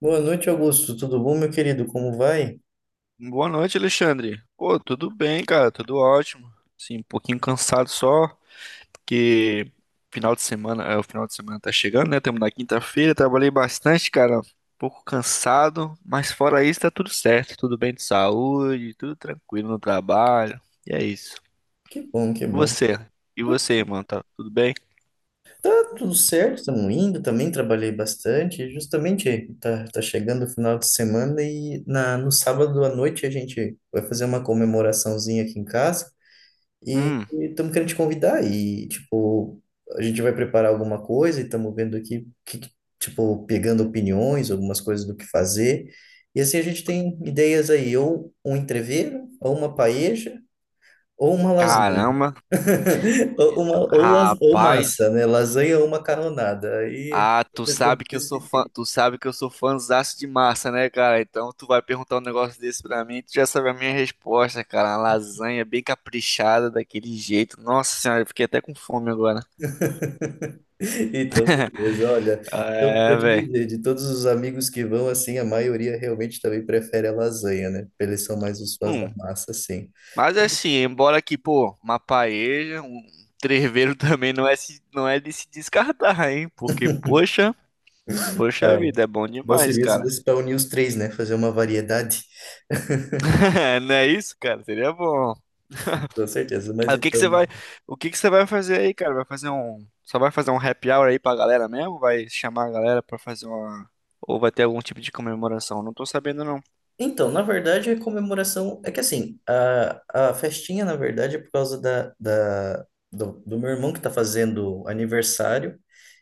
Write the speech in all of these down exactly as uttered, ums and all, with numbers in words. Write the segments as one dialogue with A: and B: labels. A: Boa noite, Augusto. Tudo bom, meu querido? Como vai?
B: Boa noite, Alexandre. Pô, tudo bem, cara, tudo ótimo. Sim, um pouquinho cansado só, porque final de semana, é, o final de semana tá chegando, né? Estamos na quinta-feira, trabalhei bastante, cara. Um pouco cansado, mas fora isso tá tudo certo, tudo bem de saúde, tudo tranquilo no trabalho. E é isso.
A: Que bom, que
B: E
A: bom.
B: você? E
A: Tu-
B: você, irmão, tá tudo bem?
A: Tá tudo certo, estamos indo. Também trabalhei bastante. Justamente, tá, tá chegando o final de semana e na, no sábado à noite a gente vai fazer uma comemoraçãozinha aqui em casa e
B: Hum,
A: estamos querendo te convidar. E, tipo, a gente vai preparar alguma coisa e estamos vendo aqui, que, que- tipo, pegando opiniões, algumas coisas do que fazer. E assim a gente tem ideias aí, ou um entrevero, ou uma paeja, ou uma lasanha.
B: caramba,
A: Ou, uma, ou, las- ou
B: rapaz.
A: massa, né? Lasanha ou macarronada. Aí
B: Ah,
A: eu
B: tu
A: tento
B: sabe que eu sou fã,
A: decidir.
B: tu sabe que eu sou fãzaço de massa, né, cara? Então tu vai perguntar um negócio desse pra mim, tu já sabe a minha resposta, cara. Uma lasanha bem caprichada daquele jeito. Nossa senhora, eu fiquei até com fome agora.
A: Então, beleza. Olha, então, para
B: É,
A: te
B: velho.
A: dizer, de todos os amigos que vão, assim, a maioria realmente também prefere a lasanha, né? Eles são mais os fãs da
B: Hum,
A: massa, assim.
B: mas assim, embora que, pô, uma paeja, um treveiro também não é, se- não é de se descartar, hein? Porque, poxa, poxa
A: É,
B: vida, é bom
A: bom
B: demais,
A: seria se
B: cara.
A: desse para unir os três, né? Fazer uma variedade,
B: Não é isso, cara? Seria bom.
A: com certeza. Mas
B: Aí, o que que você
A: então.
B: vai, o que que você vai fazer aí, cara? Vai fazer um, só vai fazer um happy hour aí pra galera mesmo? Vai chamar a galera pra fazer uma, ou vai ter algum tipo de comemoração? Não tô sabendo não.
A: Então, na verdade, a comemoração é que assim, a, a festinha, na verdade, é por causa da, da, do, do meu irmão que tá fazendo aniversário,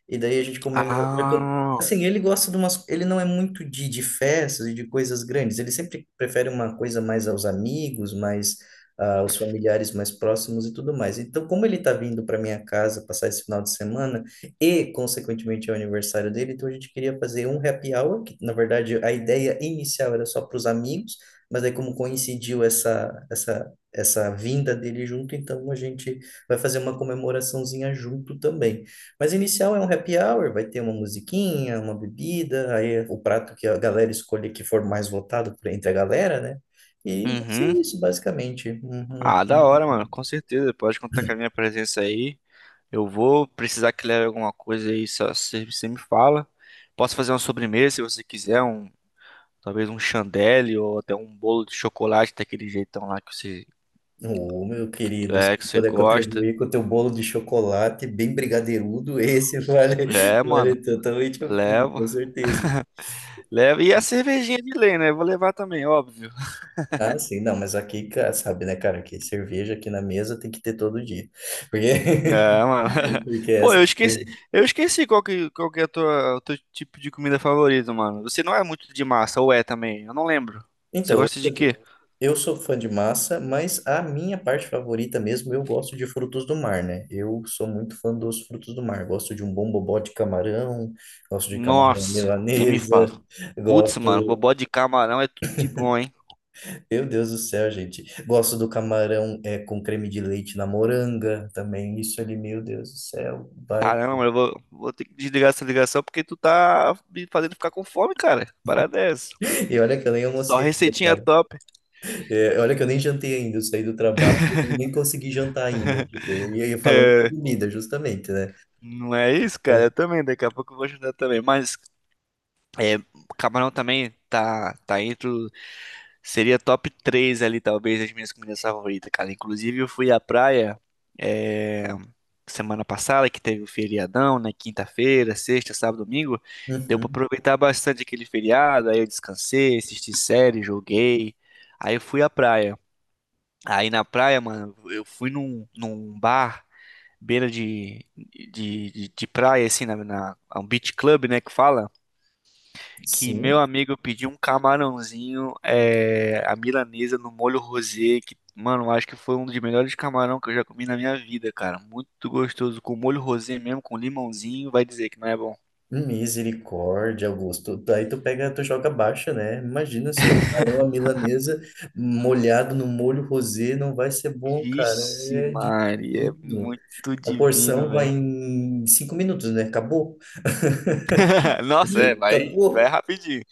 A: e daí a gente comemora.
B: Ah,
A: Assim, ele gosta de umas. Ele não é muito de, de festas e de coisas grandes, ele sempre prefere uma coisa mais aos amigos, mais ah, aos familiares mais próximos e tudo mais. Então, como ele tá vindo para minha casa passar esse final de semana e, consequentemente, é o aniversário dele, então a gente queria fazer um happy hour, que, na verdade, a ideia inicial era só para os amigos, mas aí como coincidiu essa, essa, essa vinda dele junto, então a gente vai fazer uma comemoraçãozinha junto também. Mas inicial é um happy hour, vai ter uma musiquinha, uma bebida, aí o prato que a galera escolher que for mais votado por- entre a galera, né? E vai ser
B: uhum.
A: isso, basicamente. Uhum.
B: Ah, da hora, mano. Com certeza. Pode contar com a minha presença aí. Eu vou precisar que leve alguma coisa aí, só você você me fala. Posso fazer uma sobremesa se você quiser, um, talvez um chandelle ou até um bolo de chocolate daquele jeitão lá que você,
A: Ô, meu querido, se
B: é, que
A: eu
B: você
A: puder
B: gosta.
A: contribuir com o teu bolo de chocolate bem brigadeirudo, esse vale,
B: É,
A: vale
B: mano.
A: totalmente a pena,
B: Levo.
A: com certeza.
B: Leva. E a cervejinha de lei, né? Vou levar também, óbvio.
A: Ah, sim, não, mas aqui, cara, sabe, né, cara, que cerveja aqui na mesa tem que ter todo dia. Porque,
B: Ah, mano.
A: porque é
B: Pô, eu
A: essa.
B: esqueci, eu esqueci qual que, qual que é a tua, o teu tipo de comida favorito, mano. Você não é muito de massa, ou é também? Eu não lembro. Você
A: Então, eu
B: gosta de
A: sou, de-
B: quê?
A: eu sou fã de massa, mas a minha parte favorita mesmo, eu gosto de frutos do mar, né? Eu sou muito fã dos frutos do mar. Gosto de um bom bobó de camarão, gosto de camarão
B: Nossa, nem me
A: milanesa,
B: fala. Putz, mano,
A: gosto.
B: bobó de camarão é tudo de bom, hein?
A: Meu Deus do céu, gente. Gosto do camarão é, com creme de leite na moranga também. Isso ali, meu Deus do céu. Vai.
B: Caramba, mano, eu vou, vou ter que desligar essa ligação porque tu tá me fazendo ficar com fome, cara. Parada é essa.
A: E olha que eu nem
B: Só
A: almocei ainda,
B: receitinha
A: cara.
B: top.
A: É, olha que eu nem jantei ainda. Eu saí do trabalho e nem consegui jantar ainda. Tipo, e aí falando de
B: É,
A: comida, justamente, né?
B: não é isso, cara?
A: É.
B: Eu também, daqui a pouco eu vou ajudar também. Mas é, camarão também tá, tá entre. o- Seria top três ali, talvez, as minhas comidas favoritas, cara. Inclusive, eu fui à praia é, semana passada, que teve o feriadão, né? Quinta-feira, sexta, sábado, domingo. Deu pra
A: Uhum.
B: aproveitar bastante aquele feriado. Aí eu descansei, assisti série, joguei. Aí eu fui à praia. Aí na praia, mano, eu fui num, num bar, beira de, de, de, de praia, assim, na, na, um beach club, né? Que fala que meu
A: Sim.
B: amigo pediu um camarãozinho, é, a milanesa no molho rosé, que, mano, acho que foi um dos melhores camarão que eu já comi na minha vida, cara. Muito gostoso, com molho rosé mesmo, com limãozinho, vai dizer que não é bom.
A: Misericórdia, Augusto. Aí tu pega, tu joga baixa, né? Imagina se um camarão à milanesa molhado no molho rosé não vai ser bom, cara.
B: Vixe,
A: É de
B: Maria, é
A: tudo.
B: muito
A: A porção
B: divino,
A: vai
B: velho.
A: em cinco minutos, né? Acabou.
B: Nossa, é, vai, vai
A: Acabou.
B: rapidinho.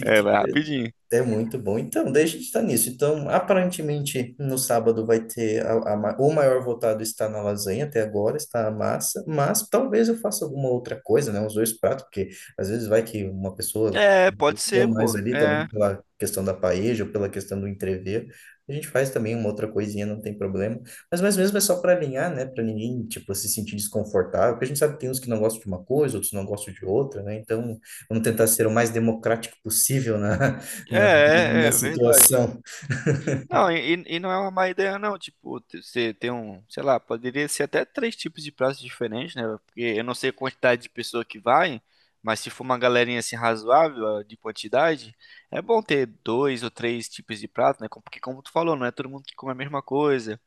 B: É, vai rapidinho.
A: É muito bom. Então, deixa de estar nisso. Então, aparentemente, no sábado vai ter a, a ma- o maior votado está na lasanha até agora, está a massa, mas talvez eu faça alguma outra coisa, né? Uns dois pratos, porque às vezes vai que uma pessoa
B: É, pode
A: deu
B: ser,
A: mais
B: pô.
A: ali também
B: É,
A: pela questão da paeja ou pela questão do entrever. A gente faz também uma outra coisinha, não tem problema. Mas mais mesmo é só para alinhar, né? Para ninguém, tipo, se sentir desconfortável, porque a gente sabe que tem uns que não gostam de uma coisa, outros não gostam de outra, né? Então, vamos tentar ser o mais democrático possível na,
B: é,
A: na,
B: é,
A: na
B: é verdade.
A: situação.
B: Não, e, e não é uma má ideia, não. Tipo, te- você tem um, sei lá, poderia ser até três tipos de pratos diferentes, né? Porque eu não sei a quantidade de pessoa que vai, mas se for uma galerinha assim razoável ah, de quantidade, é bom ter dois ou três tipos de prato, né? Com- Porque, como tu falou, não é todo mundo que come a mesma coisa.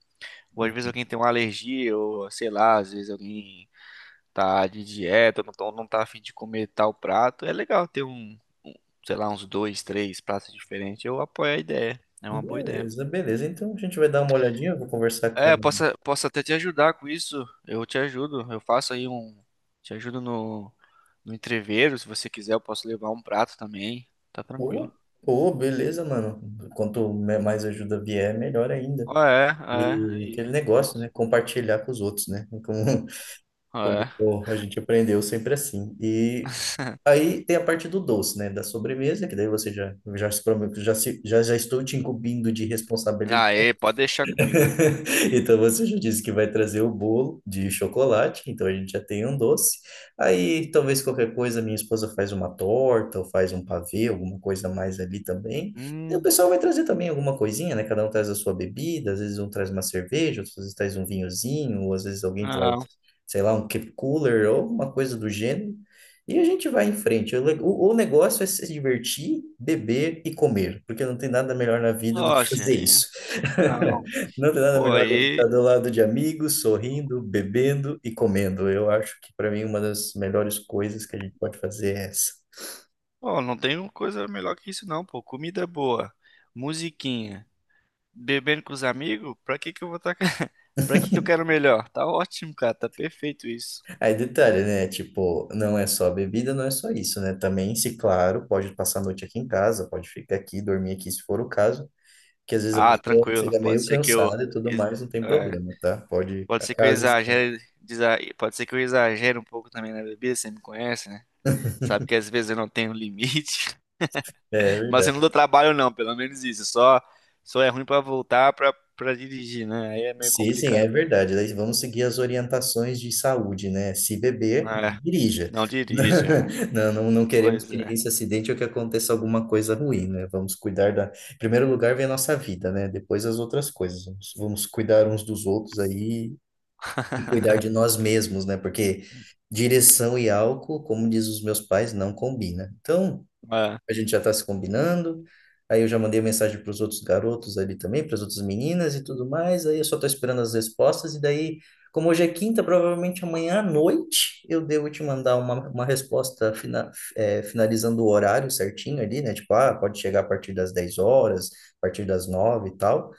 B: Ou às vezes alguém tem uma alergia, ou sei lá, às vezes alguém tá de dieta, não, tá- não tá a fim de comer tal prato. É legal ter um, um, sei lá, uns dois, três pratos diferentes. Eu apoio a ideia. É uma boa ideia.
A: Beleza, beleza. Então a gente vai dar uma olhadinha, eu vou conversar
B: É,
A: com.
B: eu posso, posso até te ajudar com isso. Eu te ajudo. Eu faço aí um. Te ajudo no, no entreveiro. Se você quiser, eu posso levar um prato também. Tá tranquilo.
A: Pô, Pô, beleza, mano. Quanto me- mais ajuda vier, melhor ainda.
B: Ah, é, é.
A: E
B: Aí,
A: aquele negócio, né?
B: pronto.
A: Compartilhar com os outros, né? Como,
B: Ah, é.
A: como a gente aprendeu sempre assim. E aí tem a parte do doce, né? Da sobremesa, que daí você já, já, se, prome- já, se, já, já estou te incumbindo de
B: Aê, pode deixar comigo.
A: então você já disse que vai trazer o bolo de chocolate, então a gente já tem um doce. Aí talvez qualquer coisa, minha esposa faz uma torta ou faz um pavê, alguma coisa mais ali também. E o
B: Hum,
A: pessoal vai trazer também alguma coisinha, né? Cada um traz a sua bebida, às vezes um traz uma cerveja, às vezes traz um vinhozinho, ou às vezes alguém traz,
B: não.
A: sei lá, um keep cooler ou uma coisa do gênero. E a gente vai em frente. O, le- o- o negócio é se divertir, beber e comer, porque não tem nada melhor na vida do que
B: Nossa,
A: fazer isso.
B: hein? Não.
A: Não tem nada
B: Pô,
A: melhor do que estar
B: aí.
A: do lado de amigos, sorrindo, bebendo e comendo. Eu acho que para mim uma das melhores coisas que a gente pode fazer é essa.
B: Pô, não tem coisa melhor que isso, não, pô. Comida é boa, musiquinha, bebendo com os amigos. Pra que que eu vou estar. Pra que que eu quero melhor? Tá ótimo, cara. Tá perfeito isso.
A: Aí detalhe, né? Tipo, não é só bebida, não é só isso, né? Também, se claro, pode passar a noite aqui em casa, pode ficar aqui, dormir aqui se for o caso, que às vezes a
B: Ah,
A: pessoa
B: tranquilo.
A: fica
B: Pode
A: meio
B: ser que eu,
A: cansada e tudo
B: ex-
A: mais, não tem
B: é,
A: problema, tá? Pode ir
B: pode
A: pra
B: ser que eu
A: casa.
B: exagere, desa- pode ser que eu exagere um pouco também na bebida. Você me conhece, né? Sabe que às vezes eu não tenho limite,
A: É
B: mas eu
A: verdade.
B: não dou trabalho não, pelo menos isso. Só, só é ruim pra voltar pra para dirigir, né? Aí é meio
A: Sim, sim, é
B: complicado.
A: verdade. Daí vamos seguir as orientações de saúde, né? Se beber, não
B: É,
A: dirija.
B: não dirija.
A: Não, não, não queremos
B: Pois
A: que ninguém
B: é.
A: se acidente ou que aconteça alguma coisa ruim, né? Vamos cuidar da. Em primeiro lugar, vem a nossa vida, né? Depois as outras coisas. Vamos, vamos cuidar uns dos outros aí e cuidar de nós mesmos, né? Porque direção e álcool, como diz os meus pais, não combina. Então
B: É.
A: a gente já está se combinando. Aí eu já mandei mensagem para os outros garotos ali também, para as outras meninas e tudo mais. Aí eu só estou esperando as respostas. E daí, como hoje é quinta, provavelmente amanhã à noite eu devo te mandar uma, uma resposta fina, eh, finalizando o horário certinho ali, né? Tipo, ah, pode chegar a partir das dez horas, a partir das nove e tal.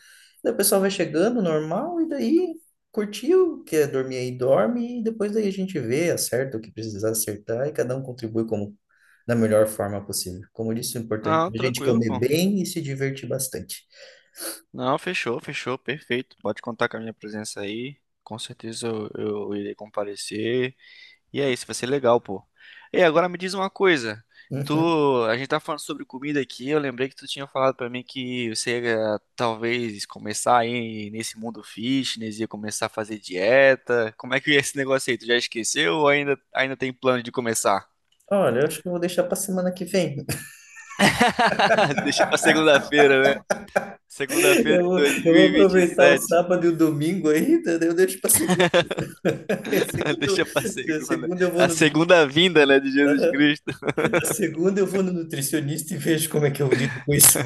A: Daí o pessoal vai chegando normal e daí curtiu, quer dormir aí, dorme. E depois daí a gente vê, acerta o que precisar acertar e cada um contribui como da melhor forma possível. Como eu disse, o importante
B: Não,
A: é a gente
B: tranquilo,
A: comer
B: pô.
A: bem e se divertir bastante.
B: Não, fechou, fechou, perfeito. Pode contar com a minha presença aí. Com certeza eu, eu irei comparecer. E é isso, vai ser legal, pô. E agora me diz uma coisa. Tu,
A: Uhum.
B: a gente tá falando sobre comida aqui, eu lembrei que tu tinha falado pra mim que você ia talvez começar aí nesse mundo fitness, ia começar a fazer dieta. Como é que é esse negócio aí? Tu já esqueceu ou ainda, ainda tem plano de começar?
A: Olha, eu acho que eu vou deixar para semana que vem.
B: Deixa pra segunda-feira, né? Segunda-feira
A: Eu
B: de
A: vou,
B: dois
A: eu
B: mil
A: vou
B: e e vinte e
A: aproveitar o
B: sete.
A: sábado e o domingo ainda, daí eu deixo para segunda. A segunda,
B: Deixa pra
A: eu- a
B: segunda.
A: segunda eu vou
B: A
A: no,
B: segunda vinda, né, de Jesus Cristo.
A: a segunda eu vou no nutricionista e vejo como é que eu lido com isso.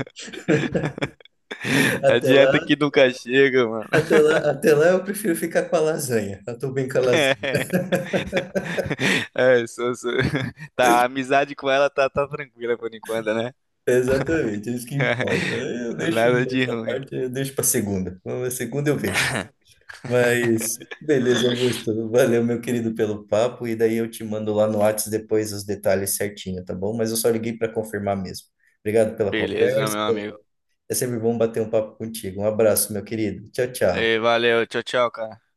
B: A
A: Até
B: dieta
A: lá,
B: que nunca chega, mano.
A: até lá, Até lá eu prefiro ficar com a lasanha. Eu tô bem com a lasanha.
B: É, sou- sou- Tá, a amizade com ela tá, tá tranquila por enquanto, né?
A: Exatamente, é isso que importa. Eu deixo
B: Nada de
A: essa
B: ruim.
A: parte, eu deixo para segunda. Na segunda eu vejo. Mas, beleza, Augusto. Valeu, meu querido, pelo papo. E daí eu te mando lá no Whats depois os detalhes certinho, tá bom? Mas eu só liguei para confirmar mesmo. Obrigado pela
B: Beleza,
A: conversa.
B: meu amigo.
A: É sempre bom bater um papo contigo. Um abraço, meu querido. Tchau,
B: Ei,
A: tchau.
B: valeu, tchau, tchau, cara.